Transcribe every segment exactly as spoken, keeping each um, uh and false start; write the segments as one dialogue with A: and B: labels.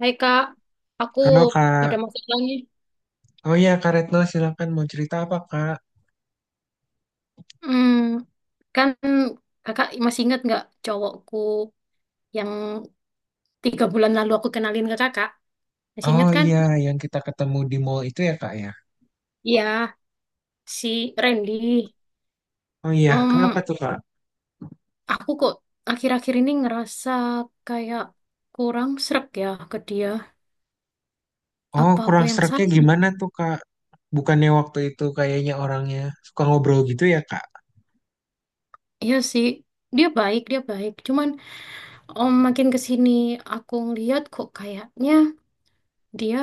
A: Hai kak, aku
B: Halo Kak.
A: ada masalah nih.
B: Oh iya Kak Retno, silakan, mau cerita apa Kak?
A: Hmm, Kan kakak masih ingat nggak cowokku yang tiga bulan lalu aku kenalin ke kakak? Masih
B: Oh
A: ingat kan?
B: iya, yang kita ketemu di mall itu ya Kak ya.
A: Iya, si Randy.
B: Oh iya, kenapa
A: Em,
B: tuh Kak?
A: aku kok akhir-akhir ini ngerasa kayak kurang srek ya ke dia.
B: Oh
A: Apa aku
B: kurang
A: yang
B: sereknya
A: salah?
B: gimana tuh Kak? Bukannya waktu itu kayaknya orangnya suka ngobrol gitu ya Kak?
A: Iya sih, dia baik, dia baik. Cuman om makin kesini aku ngeliat kok kayaknya dia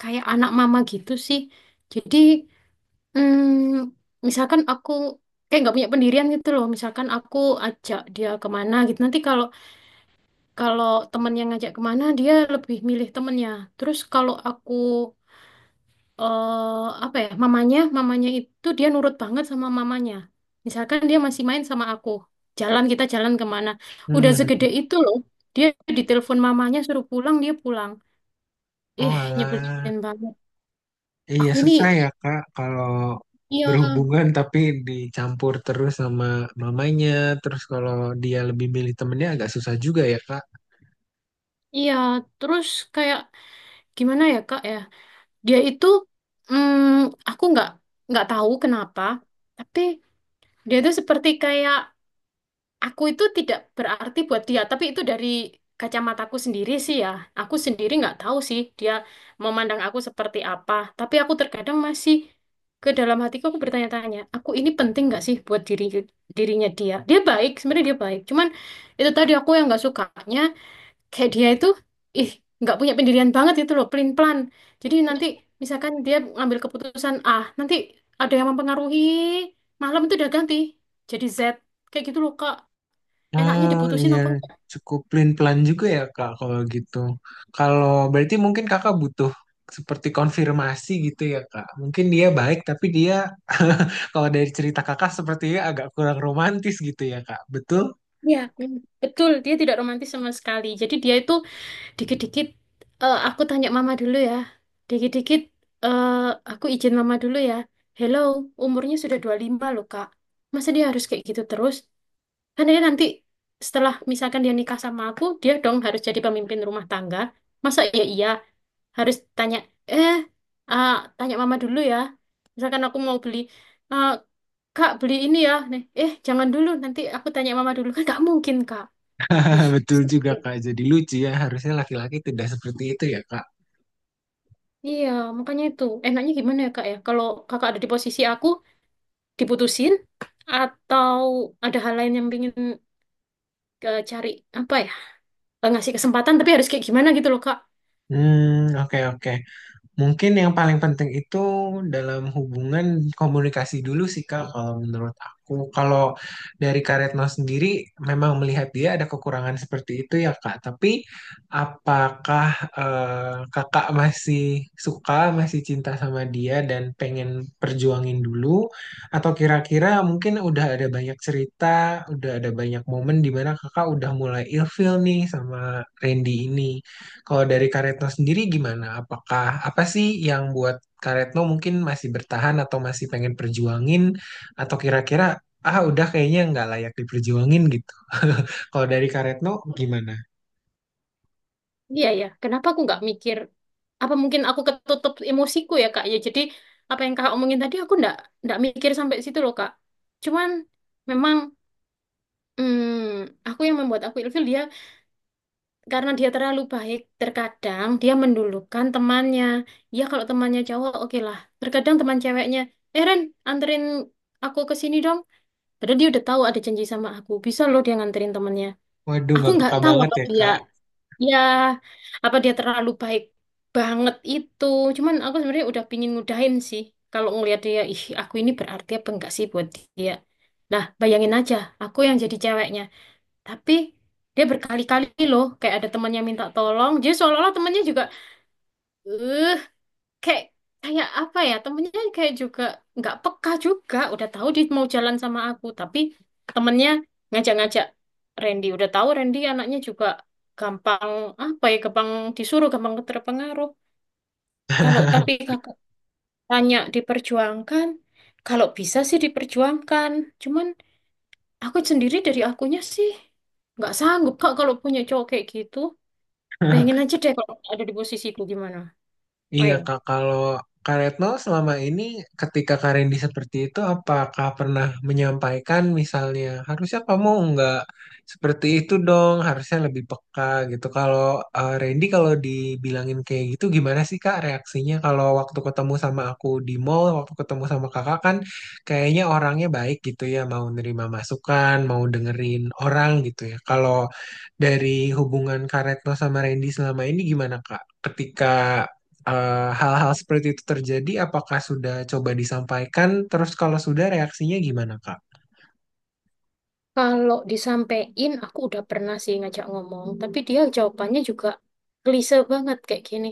A: kayak anak mama gitu sih. Jadi Hmm, misalkan aku kayak nggak punya pendirian gitu loh. Misalkan aku ajak dia kemana gitu. Nanti kalau kalau temen yang ngajak kemana dia lebih milih temennya. Terus kalau aku eh apa ya mamanya mamanya itu dia nurut banget sama mamanya. Misalkan dia masih main sama aku. Jalan kita jalan kemana. Udah
B: Hmm.
A: segede itu loh. Dia ditelepon mamanya suruh pulang dia pulang.
B: Oh
A: Ih,
B: alah.
A: nyebelin banget.
B: Iya
A: Aku
B: susah
A: ini,
B: ya Kak kalau
A: iya,
B: berhubungan tapi dicampur terus sama mamanya. Terus kalau dia lebih milih temennya agak susah juga ya Kak.
A: iya, terus kayak gimana ya, Kak ya? Dia itu, mm, aku nggak nggak tahu kenapa, tapi dia itu seperti kayak aku itu tidak berarti buat dia, tapi itu dari kacamataku sendiri sih ya. Aku sendiri nggak tahu sih dia memandang aku seperti apa, tapi aku terkadang masih ke dalam hatiku aku bertanya-tanya, aku ini penting nggak sih buat diri dirinya dia? Dia baik, sebenarnya dia baik, cuman itu tadi aku yang nggak sukanya, kayak dia itu, ih, nggak punya pendirian banget itu loh, pelin pelan. Jadi nanti misalkan dia ngambil keputusan A, nanti ada yang mempengaruhi, malam itu udah ganti jadi Z. Kayak gitu loh, Kak. Enaknya
B: Oh
A: diputusin
B: iya,
A: apa enggak?
B: cukup pelin-pelan juga ya Kak kalau gitu. Kalau berarti mungkin Kakak butuh seperti konfirmasi gitu ya Kak. Mungkin dia baik tapi dia kalau dari cerita Kakak sepertinya agak kurang romantis gitu ya Kak. Betul?
A: Iya. Hmm, betul, dia tidak romantis sama sekali. Jadi dia itu dikit dikit aku tanya mama dulu ya, dikit dikit aku izin mama dulu ya. Hello, umurnya sudah dua puluh lima loh, Kak. Masa dia harus kayak gitu terus? Kan dia nanti setelah misalkan dia nikah sama aku, dia dong harus jadi pemimpin rumah tangga. Masa iya, iya harus tanya, eh, ah, tanya mama dulu ya. Misalkan aku mau beli, ah, kak beli ini ya. Nih, eh jangan dulu, nanti aku tanya mama dulu. Kan nggak mungkin, Kak. Ih,
B: Betul juga
A: sedih.
B: Kak. Jadi lucu ya, harusnya laki-laki tidak seperti itu ya Kak.
A: Iya, makanya itu. Enaknya gimana ya, Kak ya? Kalau kakak ada di posisi aku, diputusin atau ada hal lain yang pingin, eh, cari apa ya? Eh, Ngasih kesempatan tapi harus kayak gimana, gitu loh, Kak.
B: Hmm, oke oke. Mungkin yang paling penting itu dalam hubungan komunikasi dulu sih Kak, kalau menurut aku. Kalau dari Kak Retno sendiri memang melihat dia ada kekurangan seperti itu ya Kak. Tapi apakah eh, Kakak masih suka, masih cinta sama dia dan pengen perjuangin dulu? Atau kira-kira mungkin udah ada banyak cerita, udah ada banyak momen di mana Kakak udah mulai ilfeel nih sama Randy ini? Kalau dari Karetno sendiri gimana? Apakah apa sih yang buat Karetno mungkin masih bertahan atau masih pengen perjuangin, atau kira-kira ah udah kayaknya nggak layak diperjuangin gitu. Kalau dari Karetno gimana?
A: Iya ya, kenapa aku nggak mikir, apa mungkin aku ketutup emosiku ya, Kak ya. Jadi apa yang Kak omongin tadi aku nggak nggak mikir sampai situ loh, Kak. Cuman memang, hmm, aku yang membuat aku ilfil dia karena dia terlalu baik. Terkadang dia mendulukan temannya. Ya kalau temannya cowok oke lah. Terkadang teman ceweknya, eh Ren, anterin aku ke sini dong. Padahal dia udah tahu ada janji sama aku. Bisa loh dia nganterin temannya.
B: Waduh
A: Aku
B: nggak
A: nggak
B: peka
A: tahu
B: banget
A: apa
B: ya
A: dia,
B: Kak.
A: ya, apa dia terlalu baik banget itu. Cuman aku sebenarnya udah pingin ngudahin sih. Kalau ngelihat dia, ih, aku ini berarti apa enggak sih buat dia. Nah, bayangin aja, aku yang jadi ceweknya. Tapi dia berkali-kali loh, kayak ada temannya minta tolong. Jadi seolah-olah temannya juga, eh kayak kayak apa ya, temennya kayak juga nggak peka juga, udah tahu dia mau jalan sama aku tapi temennya ngajak-ngajak Randy. Udah tahu Randy anaknya juga gampang, apa ya, gampang disuruh, gampang terpengaruh. Kalau tapi kakak tanya diperjuangkan, kalau bisa sih diperjuangkan, cuman aku sendiri dari akunya sih nggak sanggup, Kak, kalau punya cowok kayak gitu. Pengen aja deh, kalau ada di posisiku gimana,
B: Iya
A: ayo.
B: Kak, kalau Kak Retno selama ini ketika Kak Randy seperti itu apakah pernah menyampaikan misalnya harusnya kamu nggak seperti itu dong, harusnya lebih peka gitu. Kalau eh, Randy kalau dibilangin kayak gitu gimana sih Kak reaksinya, kalau waktu ketemu sama aku di mall, waktu ketemu sama kakak kan kayaknya orangnya baik gitu ya, mau nerima masukan, mau dengerin orang gitu ya. Kalau dari hubungan Kak Retno sama Randy selama ini gimana Kak? Ketika eh, hal-hal seperti itu terjadi, apakah sudah coba disampaikan? Terus kalau sudah reaksinya gimana, Kak?
A: Kalau disampein, aku udah pernah sih ngajak ngomong, tapi dia jawabannya juga klise banget kayak gini.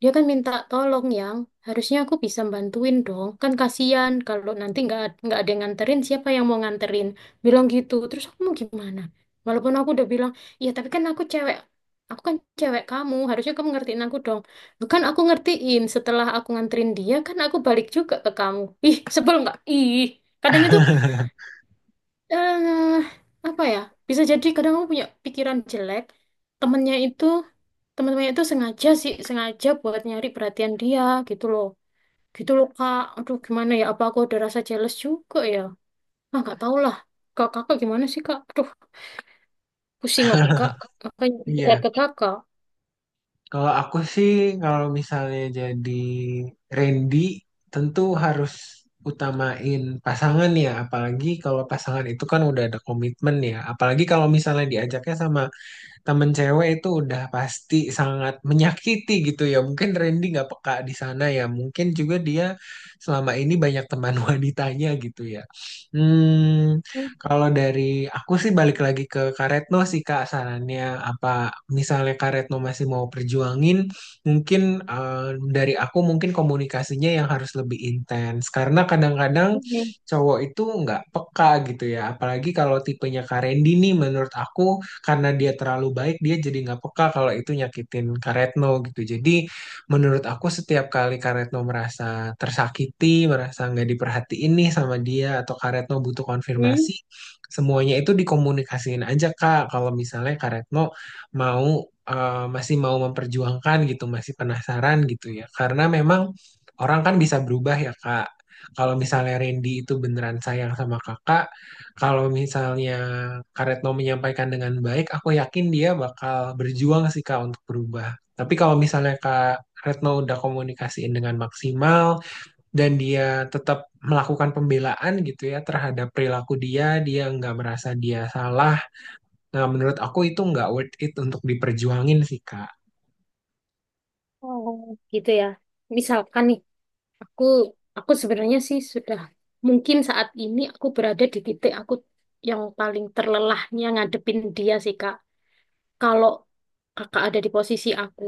A: Dia kan minta tolong yang harusnya aku bisa bantuin dong. Kan kasihan kalau nanti nggak nggak ada yang nganterin, siapa yang mau nganterin? Bilang gitu. Terus aku mau gimana? Walaupun aku udah bilang, ya tapi kan aku cewek, aku kan cewek kamu, harusnya kamu ngertiin aku dong. Bukan aku ngertiin, setelah aku nganterin dia, kan aku balik juga ke kamu. Ih, sebel nggak? Ih, kadang itu, eh apa ya? Bisa jadi kadang aku punya pikiran jelek. Temennya itu, teman-temannya itu sengaja sih, sengaja buat nyari perhatian dia, gitu loh. Gitu loh, Kak. Aduh, gimana ya? Apa aku ada rasa jealous juga ya? Ah, nggak tahu lah. Kak, kakak gimana sih, Kak? Aduh, pusing aku, Kak. Makanya lihat
B: Iya,
A: ke kakak.
B: kalau aku sih kalau misalnya jadi Randy tentu harus utamain pasangan ya, apalagi kalau pasangan itu kan udah ada komitmen ya, apalagi kalau misalnya diajaknya sama temen cewek itu udah pasti sangat menyakiti gitu ya. Mungkin Randy nggak peka di sana ya. Mungkin juga dia selama ini banyak teman wanitanya gitu ya. Hmm,
A: Hmm.
B: kalau dari aku sih balik lagi ke Kak Retno sih Kak sarannya, apa misalnya Kak Retno masih mau perjuangin mungkin, eh, dari aku mungkin komunikasinya yang harus lebih intens karena kadang-kadang cowok itu nggak peka gitu ya, apalagi kalau tipenya Kak Randy nih menurut aku karena dia terlalu baik dia jadi nggak peka kalau itu nyakitin Kak Retno gitu. Jadi menurut aku setiap kali Kak Retno merasa tersakiti, merasa nggak diperhatiin nih sama dia, atau Kak Retno butuh
A: Hmm.
B: konfirmasi, semuanya itu dikomunikasiin aja Kak. Kalau misalnya Kak Retno mau eh, masih mau memperjuangkan gitu, masih penasaran gitu ya. Karena memang orang kan bisa berubah ya Kak. Kalau misalnya Randy itu beneran sayang sama kakak, kalau misalnya Karetno menyampaikan dengan baik, aku yakin dia bakal berjuang sih Kak untuk berubah. Tapi kalau misalnya Kak Retno udah komunikasiin dengan maksimal dan dia tetap melakukan pembelaan gitu ya terhadap perilaku dia, dia nggak merasa dia salah. Nah, menurut aku itu nggak worth it untuk diperjuangin sih Kak.
A: Oh, gitu ya. Misalkan nih, Aku aku sebenarnya sih sudah, mungkin saat ini aku berada di titik aku yang paling terlelahnya ngadepin dia sih, Kak. Kalau Kakak ada di posisi aku,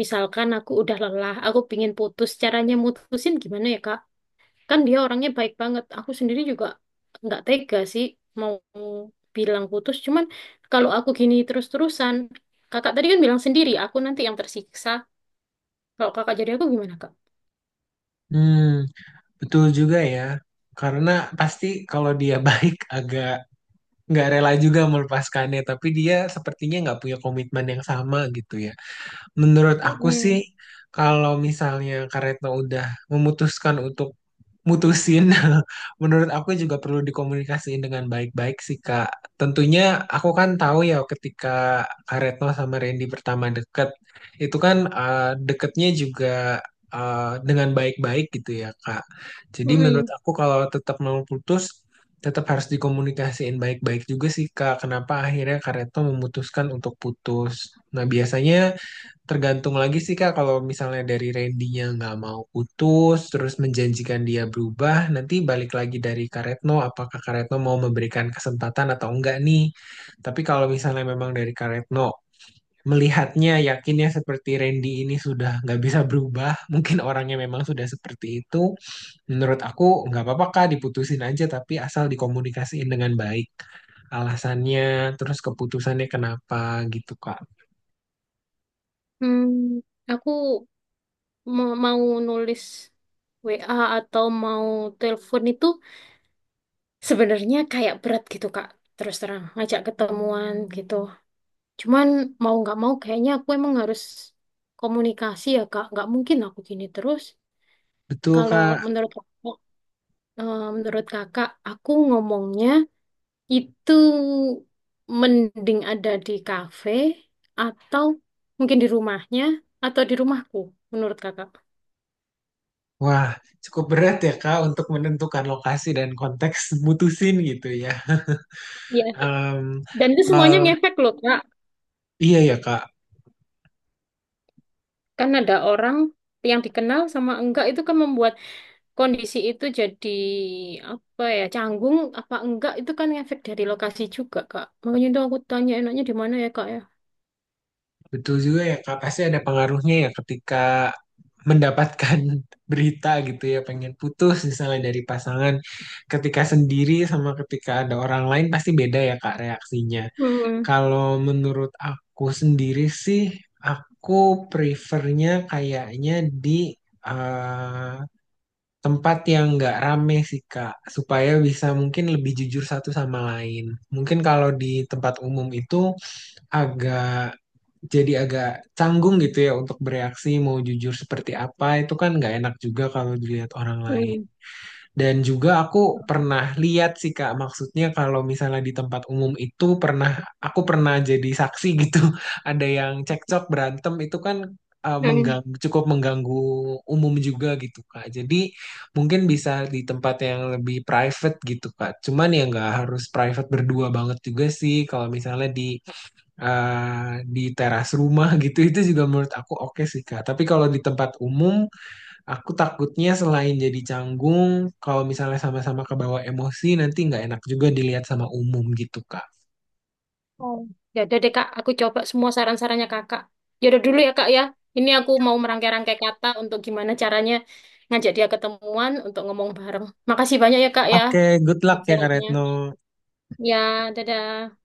A: misalkan aku udah lelah, aku pingin putus, caranya mutusin gimana ya, Kak? Kan dia orangnya baik banget. Aku sendiri juga nggak tega sih mau bilang putus. Cuman kalau aku gini terus-terusan, Kakak tadi kan bilang sendiri, aku nanti yang tersiksa. Kalau Kakak jadi aku gimana, Kak?
B: Hmm, betul juga ya. Karena pasti kalau dia baik agak nggak rela juga melepaskannya, tapi dia sepertinya nggak punya komitmen yang sama gitu ya. Menurut aku sih,
A: Mm-mm.
B: kalau misalnya Kak Retno udah memutuskan untuk mutusin, menurut aku juga perlu dikomunikasiin dengan baik-baik sih, Kak. Tentunya aku kan tahu ya ketika Kak Retno sama Randy pertama deket, itu kan eh, deketnya juga eh, dengan baik-baik gitu ya, Kak. Jadi menurut
A: Mm-mm.
B: aku kalau tetap mau putus, tetap harus dikomunikasiin baik-baik juga sih Kak. Kenapa akhirnya Kak Retno memutuskan untuk putus? Nah, biasanya tergantung lagi sih Kak, kalau misalnya dari Randy-nya nggak mau putus, terus menjanjikan dia berubah, nanti balik lagi dari Kak Retno, apakah Kak Retno mau memberikan kesempatan atau enggak nih. Tapi kalau misalnya memang dari Kak Retno, melihatnya yakinnya seperti Randy ini sudah nggak bisa berubah, mungkin orangnya memang sudah seperti itu, menurut aku nggak apa-apa Kak, diputusin aja, tapi asal dikomunikasiin dengan baik. Alasannya, terus keputusannya kenapa gitu Kak.
A: Hmm, aku ma- mau nulis we a atau mau telepon itu sebenarnya kayak berat gitu, Kak. Terus terang, ngajak ketemuan gitu. Cuman mau nggak mau kayaknya aku emang harus komunikasi ya, Kak. Nggak mungkin aku gini terus.
B: Betul
A: Kalau
B: Kak.
A: menurut aku, eh, menurut Kakak, aku ngomongnya itu mending ada di kafe atau mungkin di rumahnya atau di rumahku, menurut Kakak.
B: Wah, cukup berat ya Kak untuk menentukan lokasi dan konteks mutusin gitu ya. Em,
A: Dan itu semuanya
B: kalau-
A: ngefek loh, Kak.
B: iya ya Kak,
A: Kan ada orang yang dikenal sama enggak itu kan membuat kondisi itu jadi, apa ya, canggung apa enggak, itu kan ngefek dari lokasi juga, Kak. Makanya itu aku tanya enaknya di mana ya, Kak ya.
B: betul juga ya Kak. Pasti ada pengaruhnya ya ketika mendapatkan berita gitu ya, pengen putus misalnya dari pasangan. Ketika sendiri sama ketika ada orang lain pasti beda ya Kak reaksinya.
A: Hmm.
B: Kalau menurut aku sendiri sih, aku prefernya kayaknya di eh, tempat yang nggak rame sih Kak, supaya bisa mungkin lebih jujur satu sama lain. Mungkin kalau di tempat umum itu agak jadi agak canggung gitu ya untuk bereaksi mau jujur seperti apa, itu kan nggak enak juga kalau dilihat orang lain.
A: Hmm.
B: Dan juga aku pernah lihat sih Kak, maksudnya kalau misalnya di tempat umum itu pernah, aku pernah jadi saksi gitu. Ada yang cekcok berantem itu kan eh,
A: Hmm.
B: mengganggu, cukup mengganggu umum juga gitu Kak. Jadi mungkin bisa di tempat yang lebih private gitu Kak. Cuman ya nggak harus private berdua banget juga sih kalau misalnya di eh, di teras rumah gitu itu juga menurut aku oke sih Kak. Tapi kalau di tempat umum, aku takutnya selain jadi canggung, kalau misalnya sama-sama kebawa emosi, nanti nggak enak juga dilihat sama umum gitu, Kak.
A: Oh. Ya udah deh, Kak. Aku coba semua saran-sarannya Kakak. Ya udah dulu ya, Kak ya. Ini aku mau merangkai-rangkai kata untuk gimana caranya ngajak dia ketemuan untuk ngomong bareng. Makasih banyak ya, Kak ya.
B: Oke, good luck ya, Kak
A: Nasihatnya.
B: Retno.
A: Ya, dadah.